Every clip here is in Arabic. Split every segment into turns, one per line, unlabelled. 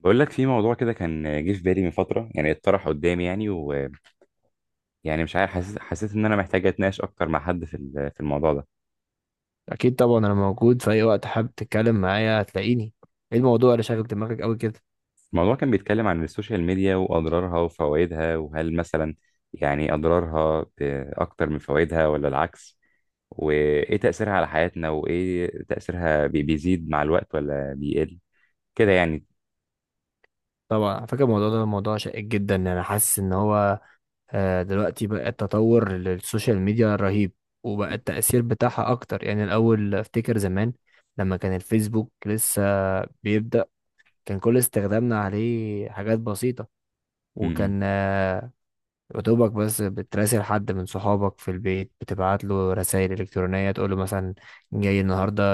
بقول لك في موضوع كده كان جه في بالي من فترة، يعني اتطرح قدامي، يعني مش عارف. حسيت ان انا محتاج اتناقش اكتر مع حد في الموضوع ده.
اكيد طبعا، انا موجود في اي وقت حابب تتكلم معايا هتلاقيني. ايه الموضوع اللي شاغل دماغك قوي كده؟
الموضوع كان بيتكلم عن السوشيال ميديا واضرارها وفوائدها، وهل مثلا يعني اضرارها اكتر من فوائدها ولا العكس، وايه تأثيرها على حياتنا، وايه تأثيرها بيزيد مع الوقت ولا بيقل، كده يعني.
طبعا على فكره، الموضوع ده موضوع شائك جدا. انا حاسس ان هو دلوقتي بقى التطور للسوشيال ميديا رهيب، وبقى التاثير بتاعها اكتر. يعني الاول افتكر زمان لما كان الفيسبوك لسه بيبدا، كان كل استخدامنا عليه حاجات بسيطه.
إمم.
وكان يا دوبك بس بتراسل حد من صحابك في البيت، بتبعت له رسائل إلكترونية تقول له مثلا جاي النهاردة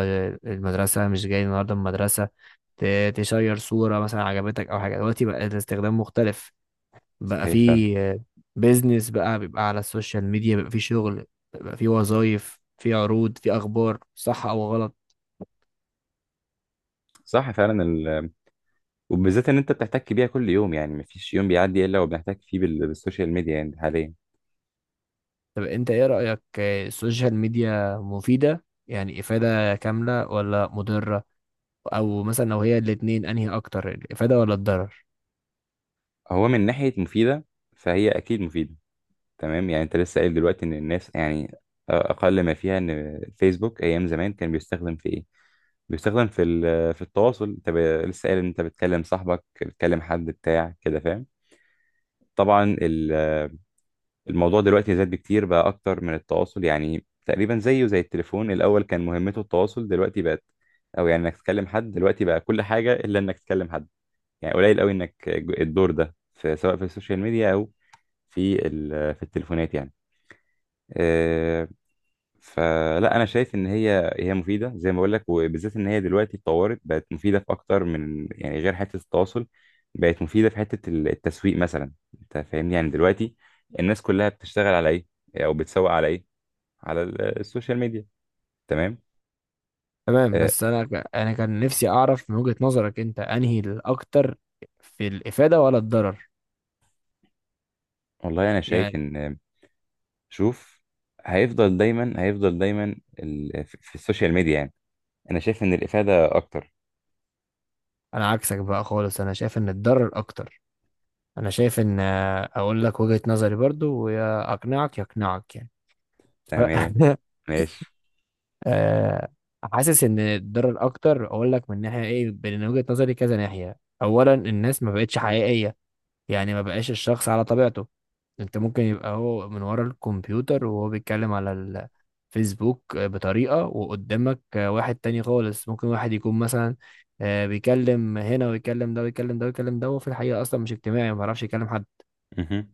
المدرسة، مش جاي النهاردة المدرسة، تشير صورة مثلا عجبتك أو حاجة. دلوقتي بقى الاستخدام مختلف، بقى
صحيح فعلا.
في بيزنس، بقى بيبقى على السوشيال ميديا، بيبقى في شغل، بيبقى في وظايف، في عروض، في أخبار صح أو غلط.
صح فعلا. وبالذات ان انت بتحتك بيها كل يوم، يعني مفيش يوم بيعدي الا وبنحتك فيه بالسوشيال ميديا يعني حاليا.
طب أنت إيه رأيك؟ السوشيال ميديا مفيدة يعني إفادة كاملة ولا مضرة؟ أو مثلا لو هي الاتنين، أنهي أكتر، الإفادة ولا الضرر؟
هو من ناحية مفيدة، فهي أكيد مفيدة، تمام. يعني أنت لسه قايل دلوقتي إن الناس يعني أقل ما فيها إن فيسبوك أيام زمان كان بيستخدم في إيه؟ بيستخدم في التواصل. أنت لسه قايل إن أنت بتكلم صاحبك، بتكلم حد بتاع كده، فاهم؟ طبعا الموضوع دلوقتي زاد بكتير، بقى أكتر من التواصل، يعني تقريبا زيه زي التليفون. الأول كان مهمته التواصل، دلوقتي بقت، أو يعني إنك تكلم حد. دلوقتي بقى كل حاجة إلا إنك تكلم حد، يعني قليل قوي إنك الدور ده، في سواء في السوشيال ميديا أو في التليفونات يعني. آه، فلا انا شايف ان هي مفيده زي ما بقول لك، وبالذات ان هي دلوقتي اتطورت، بقت مفيده في اكتر من يعني غير حته التواصل، بقت مفيده في حته التسويق مثلا. انت فاهمني يعني دلوقتي الناس كلها بتشتغل على ايه، او بتسوق على ايه، على السوشيال ميديا. تمام.
تمام،
أه،
بس انا كان نفسي اعرف من وجهة نظرك انت انهي الاكتر في الافادة ولا الضرر،
والله انا شايف
يعني.
ان، شوف، هيفضل دايما في السوشيال ميديا يعني. انا شايف ان الافاده اكتر.
انا عكسك بقى خالص، انا شايف ان الضرر اكتر. انا شايف ان اقول لك وجهة نظري برضو، ويا اقنعك يعني. ف-
تمام. ماشي.
آه، حاسس ان الضرر اكتر. اقول لك من ناحية ايه، من وجهة نظري كذا ناحية. اولا، الناس ما بقتش حقيقية، يعني ما بقاش الشخص على طبيعته. انت ممكن يبقى هو من ورا الكمبيوتر وهو بيتكلم على الفيسبوك بطريقة، وقدامك واحد تاني خالص. ممكن واحد يكون مثلا بيكلم هنا ويكلم ده ويكلم ده ويكلم ده، وفي الحقيقة أصلا مش اجتماعي، ما بيعرفش يكلم حد.
مهم.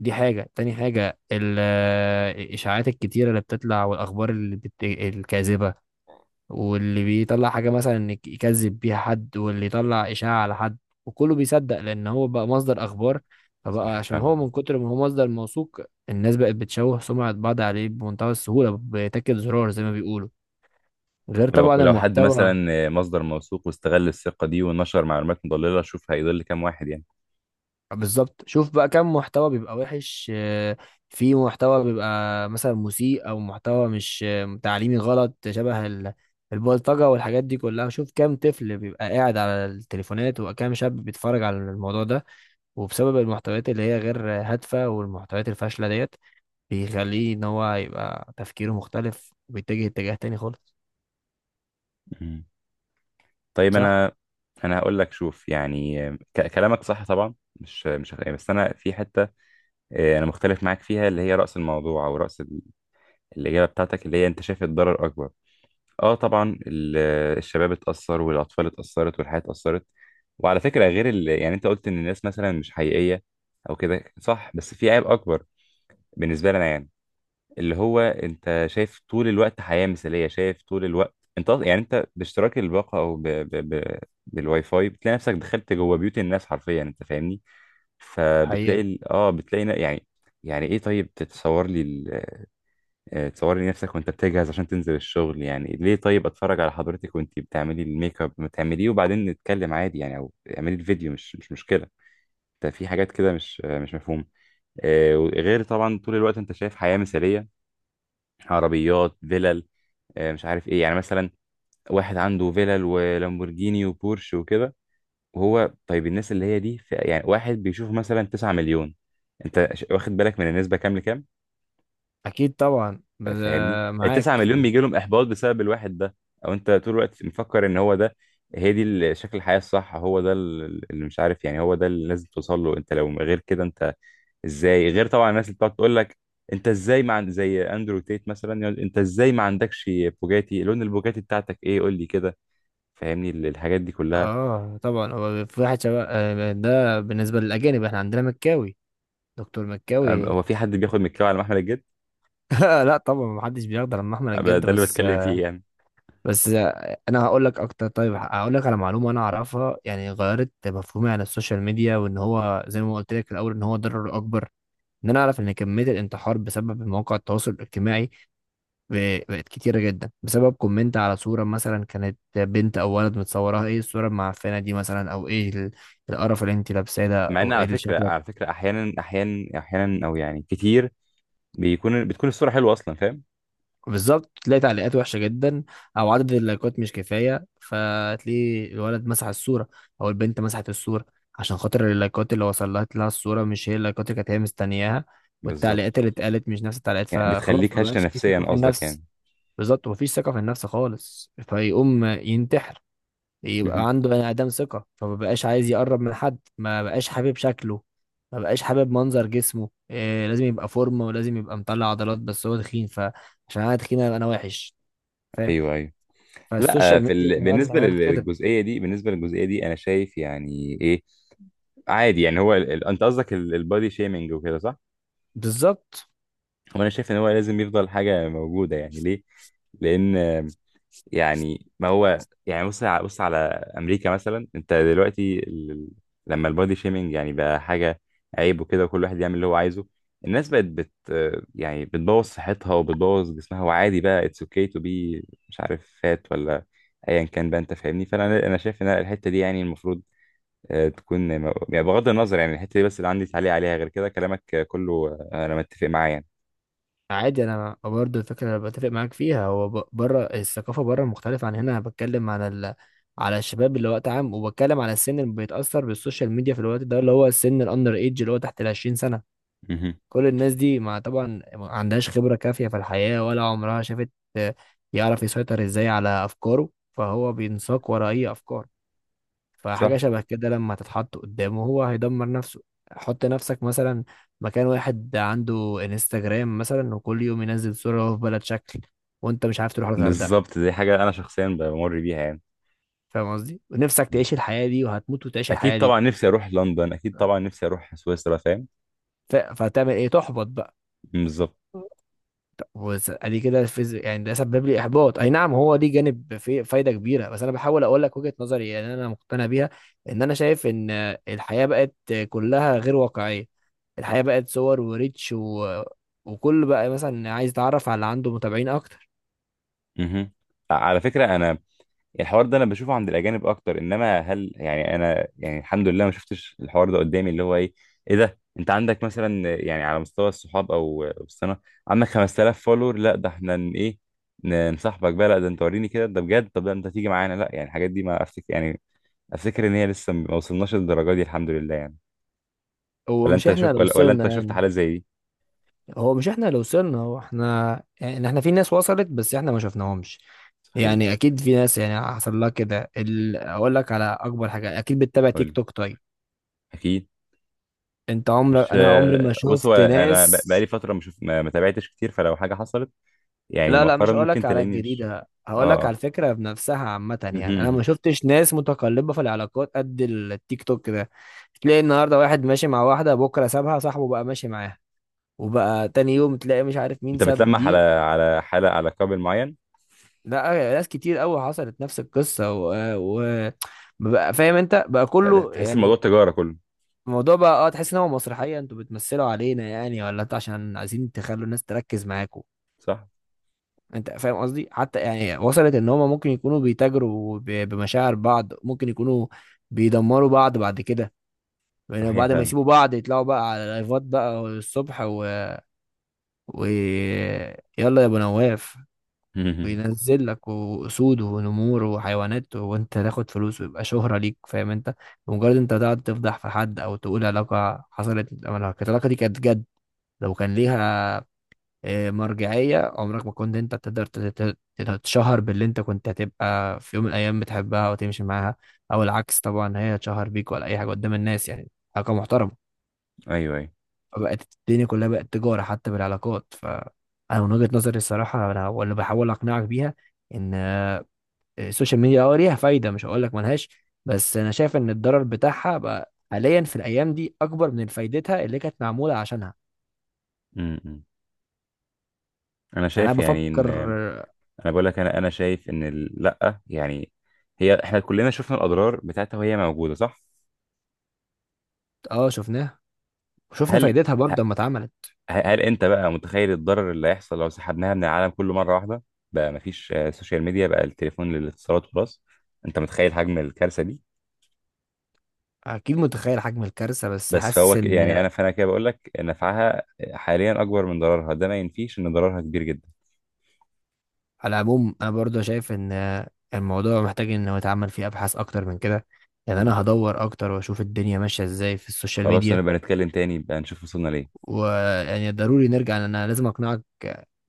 دي حاجة، تاني حاجة الإشاعات الكتيرة اللي بتطلع، والأخبار الكاذبة، واللي بيطلع حاجة مثلا انك يكذب بيها حد، واللي يطلع إشاعة على حد، وكله بيصدق لأن هو بقى مصدر أخبار. فبقى
صح
عشان هو
فعلا.
من كتر ما هو مصدر موثوق، الناس بقت بتشوه سمعة بعض عليه بمنتهى السهولة، بتاكد زرار زي ما بيقولوا. غير
ولو
طبعا
ولو حد
المحتوى.
مثلا مصدر موثوق واستغل الثقة دي ونشر معلومات مضللة، شوف هيضل كام واحد يعني.
بالظبط، شوف بقى كم محتوى بيبقى وحش، في محتوى بيبقى مثلا مسيء، أو محتوى مش تعليمي، غلط، شبه البلطجة والحاجات دي كلها. شوف كام طفل بيبقى قاعد على التليفونات، وكام شاب بيتفرج على الموضوع ده. وبسبب المحتويات اللي هي غير هادفة والمحتويات الفاشلة ديت، بيخليه ان هو يبقى تفكيره مختلف، وبيتجه اتجاه تاني خالص.
مم. طيب
صح؟
انا هقول لك، شوف يعني، كلامك صح طبعا، مش مش هخ- يعني بس انا في حتة، انا مختلف معاك فيها، اللي هي رأس الموضوع او رأس الإجابة بتاعتك، اللي هي انت شايف الضرر اكبر. اه طبعا الشباب اتأثر والاطفال اتأثرت والحياة اتأثرت. وعلى فكرة، غير يعني انت قلت ان الناس مثلا مش حقيقية او كده، صح، بس في عيب اكبر بالنسبة لنا، يعني اللي هو انت شايف طول الوقت حياة مثالية. شايف طول الوقت انت يعني انت باشتراك الباقة، او ب... بالواي فاي، بتلاقي نفسك دخلت جوه بيوت الناس حرفيا، انت فاهمني. فبتلاقي
حقيقة.
ال... اه بتلاقي يعني ايه، طيب تتصور لي ال... آه، تصور لي نفسك وانت بتجهز عشان تنزل الشغل، يعني ليه؟ طيب اتفرج على حضرتك وانت بتعملي الميك اب، ما تعمليه وبعدين نتكلم عادي يعني، او اعملي الفيديو، مش مشكلة. انت في حاجات كده مش مفهومة. غير طبعا طول الوقت انت شايف حياة مثالية. عربيات، فلل، مش عارف ايه، يعني مثلا واحد عنده فيلل ولامبورجيني وبورش وكده، وهو طيب الناس اللي هي دي، يعني واحد بيشوف مثلا 9 مليون، انت واخد بالك من النسبه كام لكام؟
اكيد طبعا،
فاهمني، ال 9
معاك.
مليون بيجي لهم احباط بسبب الواحد ده، او انت طول الوقت مفكر ان هو ده، هي دي شكل الحياه الصح، هو ده اللي مش عارف يعني، هو ده اللي لازم توصل له، انت لو غير كده انت ازاي؟ غير طبعا الناس اللي بتقعد تقول لك، انت ازاي ما عند زي اندرو تيت مثلا يقول انت ازاي ما عندكش بوجاتي، لون البوجاتي بتاعتك ايه قول لي كده. فاهمني الحاجات دي كلها.
اه طبعا، هو في واحد شباب، ده بالنسبة للأجانب، احنا عندنا مكاوي، دكتور مكاوي.
هو في حد بياخد من الكاوي على محمل الجد؟
لا طبعا محدش بيقدر، لما احمد
أبقى
الجد
ده اللي
بس.
بتكلم فيه يعني.
بس انا هقول لك اكتر. طيب هقول لك على معلومه انا اعرفها، يعني غيرت مفهومي عن السوشيال ميديا، وان هو زي ما قلت لك في الاول ان هو ضرر اكبر. ان انا اعرف ان كميه الانتحار بسبب مواقع التواصل الاجتماعي بقت كتيره جدا، بسبب كومنت على صوره مثلا كانت بنت او ولد متصورها، ايه الصوره المعفنه دي مثلا، او ايه القرف اللي انت لابساه ده،
مع ان
او ايه
على
اللي
فكره
شكلك.
على فكره احيانا او يعني كتير بتكون الصوره حلوه اصلا، فاهم؟
بالظبط، تلاقي تعليقات وحشه جدا، او عدد اللايكات مش كفايه، فتلاقي الولد مسح الصوره او البنت مسحت الصوره، عشان خاطر اللايكات اللي وصلت لها الصوره مش هي اللايكات اللي كانت هي مستنياها،
بالظبط.
والتعليقات اللي اتقالت مش نفس التعليقات،
يعني
فخلاص
بتخليك
ما
هشه
بقاش في
نفسيا
ثقه في
قصدك
النفس.
يعني؟
بالظبط، مفيش ثقة في النفس خالص، فيقوم ينتحر.
مهم.
يبقى عنده بني آدم ثقة، فما بقاش عايز يقرب من حد، ما بقاش حابب شكله، ما بقاش حابب منظر جسمه. إيه، لازم يبقى فورمة ولازم يبقى مطلع عضلات، بس هو تخين، فعشان انا تخين أبقى انا وحش. فاهم؟
ايوه ايوه. لا،
فالسوشيال
في
ميديا كمان
بالنسبه
عملت كده.
للجزئيه دي بالنسبه للجزئيه دي انا شايف يعني ايه، عادي يعني. هو انت قصدك البادي شيمينج وكده، صح؟
بالظبط.
وانا شايف ان هو لازم يفضل حاجه موجوده، يعني ليه؟ لان يعني ما هو، يعني بص على امريكا مثلا، انت دلوقتي لما البادي شيمينج يعني بقى حاجه عيب وكده، وكل واحد يعمل اللي هو عايزه، الناس بقت يعني بتبوظ صحتها وبتبوظ جسمها، وعادي بقى اتس اوكي تو بي، مش عارف فات ولا ايا كان بقى، انت فاهمني. فانا شايف ان الحته دي، يعني المفروض تكون، يعني بغض النظر، يعني الحته دي بس اللي عندي تعليق عليها. غير كده كلامك كله، انا متفق معاه يعني.
عادي، انا برضه الفكره اللي بتفق معاك فيها هو بره الثقافه، بره مختلفه عن هنا. انا بتكلم على على الشباب اللي وقت عام، وبتكلم على السن اللي بيتاثر بالسوشيال ميديا في الوقت ده، اللي هو السن الاندر ايج، اللي هو تحت ال 20 سنه.
مهم.
كل الناس دي ما طبعا ما عندهاش خبره كافيه في الحياه، ولا عمرها شافت آه، يعرف يسيطر ازاي على افكاره، فهو بينساق ورا اي افكار. فحاجة
صح.
شبه كده لما تتحط قدامه، هو هيدمر نفسه. حط نفسك مثلا مكان واحد عنده انستجرام مثلا، وكل يوم ينزل صورة وهو في بلد شكل، وانت مش عارف تروح الغردقة.
بالظبط، دي حاجه انا شخصيا بمر بيها
فاهم قصدي؟ ونفسك
يعني،
تعيش الحياة دي، وهتموت وتعيش
اكيد
الحياة دي.
طبعا نفسي اروح لندن، اكيد طبعا نفسي اروح سويسرا، فاهم.
فهتعمل ايه؟ تحبط بقى.
بالظبط.
ادي كده، يعني ده سبب لي احباط. اي نعم، هو دي جانب في فايده كبيره، بس انا بحاول اقول لك وجهه نظري، يعني انا مقتنع بيها ان انا شايف ان الحياه بقت كلها غير واقعيه. الحياة بقت صور وريتش وكل بقى مثلا عايز يتعرف على اللي عنده متابعين اكتر.
مهم. على فكره انا، الحوار ده انا بشوفه عند الاجانب اكتر، انما هل يعني انا يعني، الحمد لله ما شفتش الحوار ده قدامي، اللي هو ايه ده، انت عندك مثلا يعني على مستوى الصحاب او السنه عندك 5000 فولور؟ لا ده احنا نصاحبك بقى، لا ده انت وريني كده ده بجد، طب ده انت تيجي معانا، لا يعني الحاجات دي ما افتكر يعني. افتكر ان هي لسه ما وصلناش للدرجه دي الحمد لله يعني.
هو
ولا
مش
انت
احنا
شفت
اللي
ولا
وصلنا
انت شفت
يعني.
حالات زي دي؟
هو مش احنا اللي وصلنا، هو احنا يعني، احنا في ناس وصلت بس احنا ما شفناهمش.
صحيح.
يعني اكيد في ناس يعني حصل لها كده اقول لك على اكبر حاجة. اكيد بتتابع
قول
تيك
لي.
توك؟ طيب.
اكيد.
انت عمرك،
مش،
انا عمري ما
بص، هو
شفت
انا
ناس.
بقالي فتره مش ما تابعتش كتير، فلو حاجه حصلت يعني
لا لا، مش
مؤخرا
هقولك
ممكن
على
تلاقيني مش،
الجديدة،
اه
هقولك على
اه.
الفكرة بنفسها عامة.
مهم،
يعني أنا
مهم.
ما شفتش ناس متقلبة في العلاقات قد التيك توك ده. تلاقي النهاردة واحد ماشي مع واحدة، بكرة سابها صاحبه بقى ماشي معاها، وبقى تاني يوم تلاقي مش عارف مين
انت
ساب
بتلمح على
دي.
على حاله، على قابل معين؟
لا، ناس كتير قوي حصلت نفس القصة بقى فاهم أنت بقى، كله
تحس الموضوع
يعني.
تجاره كله.
الموضوع بقى، اه، تحس إن هو مسرحية، أنتوا بتمثلوا علينا يعني، ولا أنتوا عشان عايزين تخلوا الناس تركز معاكم.
صح.
انت فاهم قصدي، حتى يعني وصلت ان هما ممكن يكونوا بيتاجروا بمشاعر بعض، ممكن يكونوا بيدمروا بعض بعد كده. يعني
صحيح
بعد ما
فعلا.
يسيبوا بعض يطلعوا بقى على لايفات بقى الصبح و... يلا يا ابو نواف،
مهم.
وينزل لك واسود ونمور وحيوانات، وانت تاخد فلوس ويبقى شهرة ليك. فاهم انت؟ بمجرد انت تقعد تفضح في حد، او تقول علاقة حصلت، العلاقة دي كانت جد، لو كان ليها مرجعية، عمرك ما كنت انت تقدر تتشهر باللي انت كنت هتبقى في يوم من الايام بتحبها وتمشي معاها، او العكس طبعا هي تشهر بيك، ولا اي حاجة قدام الناس، يعني حاجة محترمة.
ايوه ايوه.
فبقت الدنيا كلها بقت تجارة حتى بالعلاقات. فانا من وجهة نظري الصراحة، انا واللي بحاول اقنعك بيها ان السوشيال ميديا اه ليها فايدة، مش هقول لك ملهاش، بس انا شايف ان الضرر بتاعها بقى حاليا في الايام دي اكبر من فايدتها اللي كانت معمولة عشانها.
مهم. انا
يعني انا
شايف يعني ان
بفكر.
انا
اه
بقول لك، انا شايف ان لا يعني، هي احنا كلنا شفنا الاضرار بتاعتها، وهي موجوده، صح.
شفناها، وشفنا
هل،
فايدتها برضه لما اتعملت.
هل انت بقى متخيل الضرر اللي هيحصل لو سحبناها من العالم كله مره واحده؟ بقى مفيش سوشيال ميديا، بقى التليفون للاتصالات وبس، انت متخيل حجم الكارثه دي؟
اكيد متخيل حجم الكارثه، بس
بس فهو
حاسس
يعني
ان
فانا كده بقول لك نفعها حاليا اكبر من ضررها، ده ما ينفيش ان ضررها كبير جدا.
على العموم انا برضه شايف ان الموضوع محتاج انه يتعمل فيه ابحاث اكتر من كده. يعني انا هدور اكتر واشوف الدنيا ماشيه ازاي في السوشيال
خلاص
ميديا.
نبقى نتكلم تاني بقى نشوف وصلنا ليه.
ويعني ضروري نرجع، لأن انا لازم اقنعك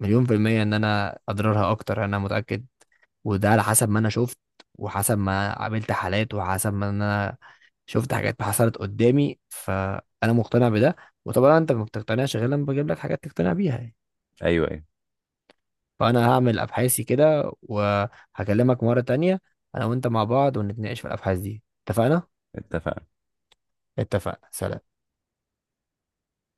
مليون في المية ان انا اضرارها اكتر، انا متأكد. وده على حسب ما انا شفت، وحسب ما قابلت حالات، وحسب ما انا شفت حاجات حصلت قدامي، فانا مقتنع بده. وطبعا انت ما بتقتنعش غير لما بجيب لك حاجات تقتنع بيها يعني.
ايوه ايوه.
فانا هعمل ابحاثي كده، وهكلمك مرة تانية انا وانت مع بعض، ونتناقش في الابحاث دي. اتفقنا؟
اتفقنا.
اتفقنا. سلام.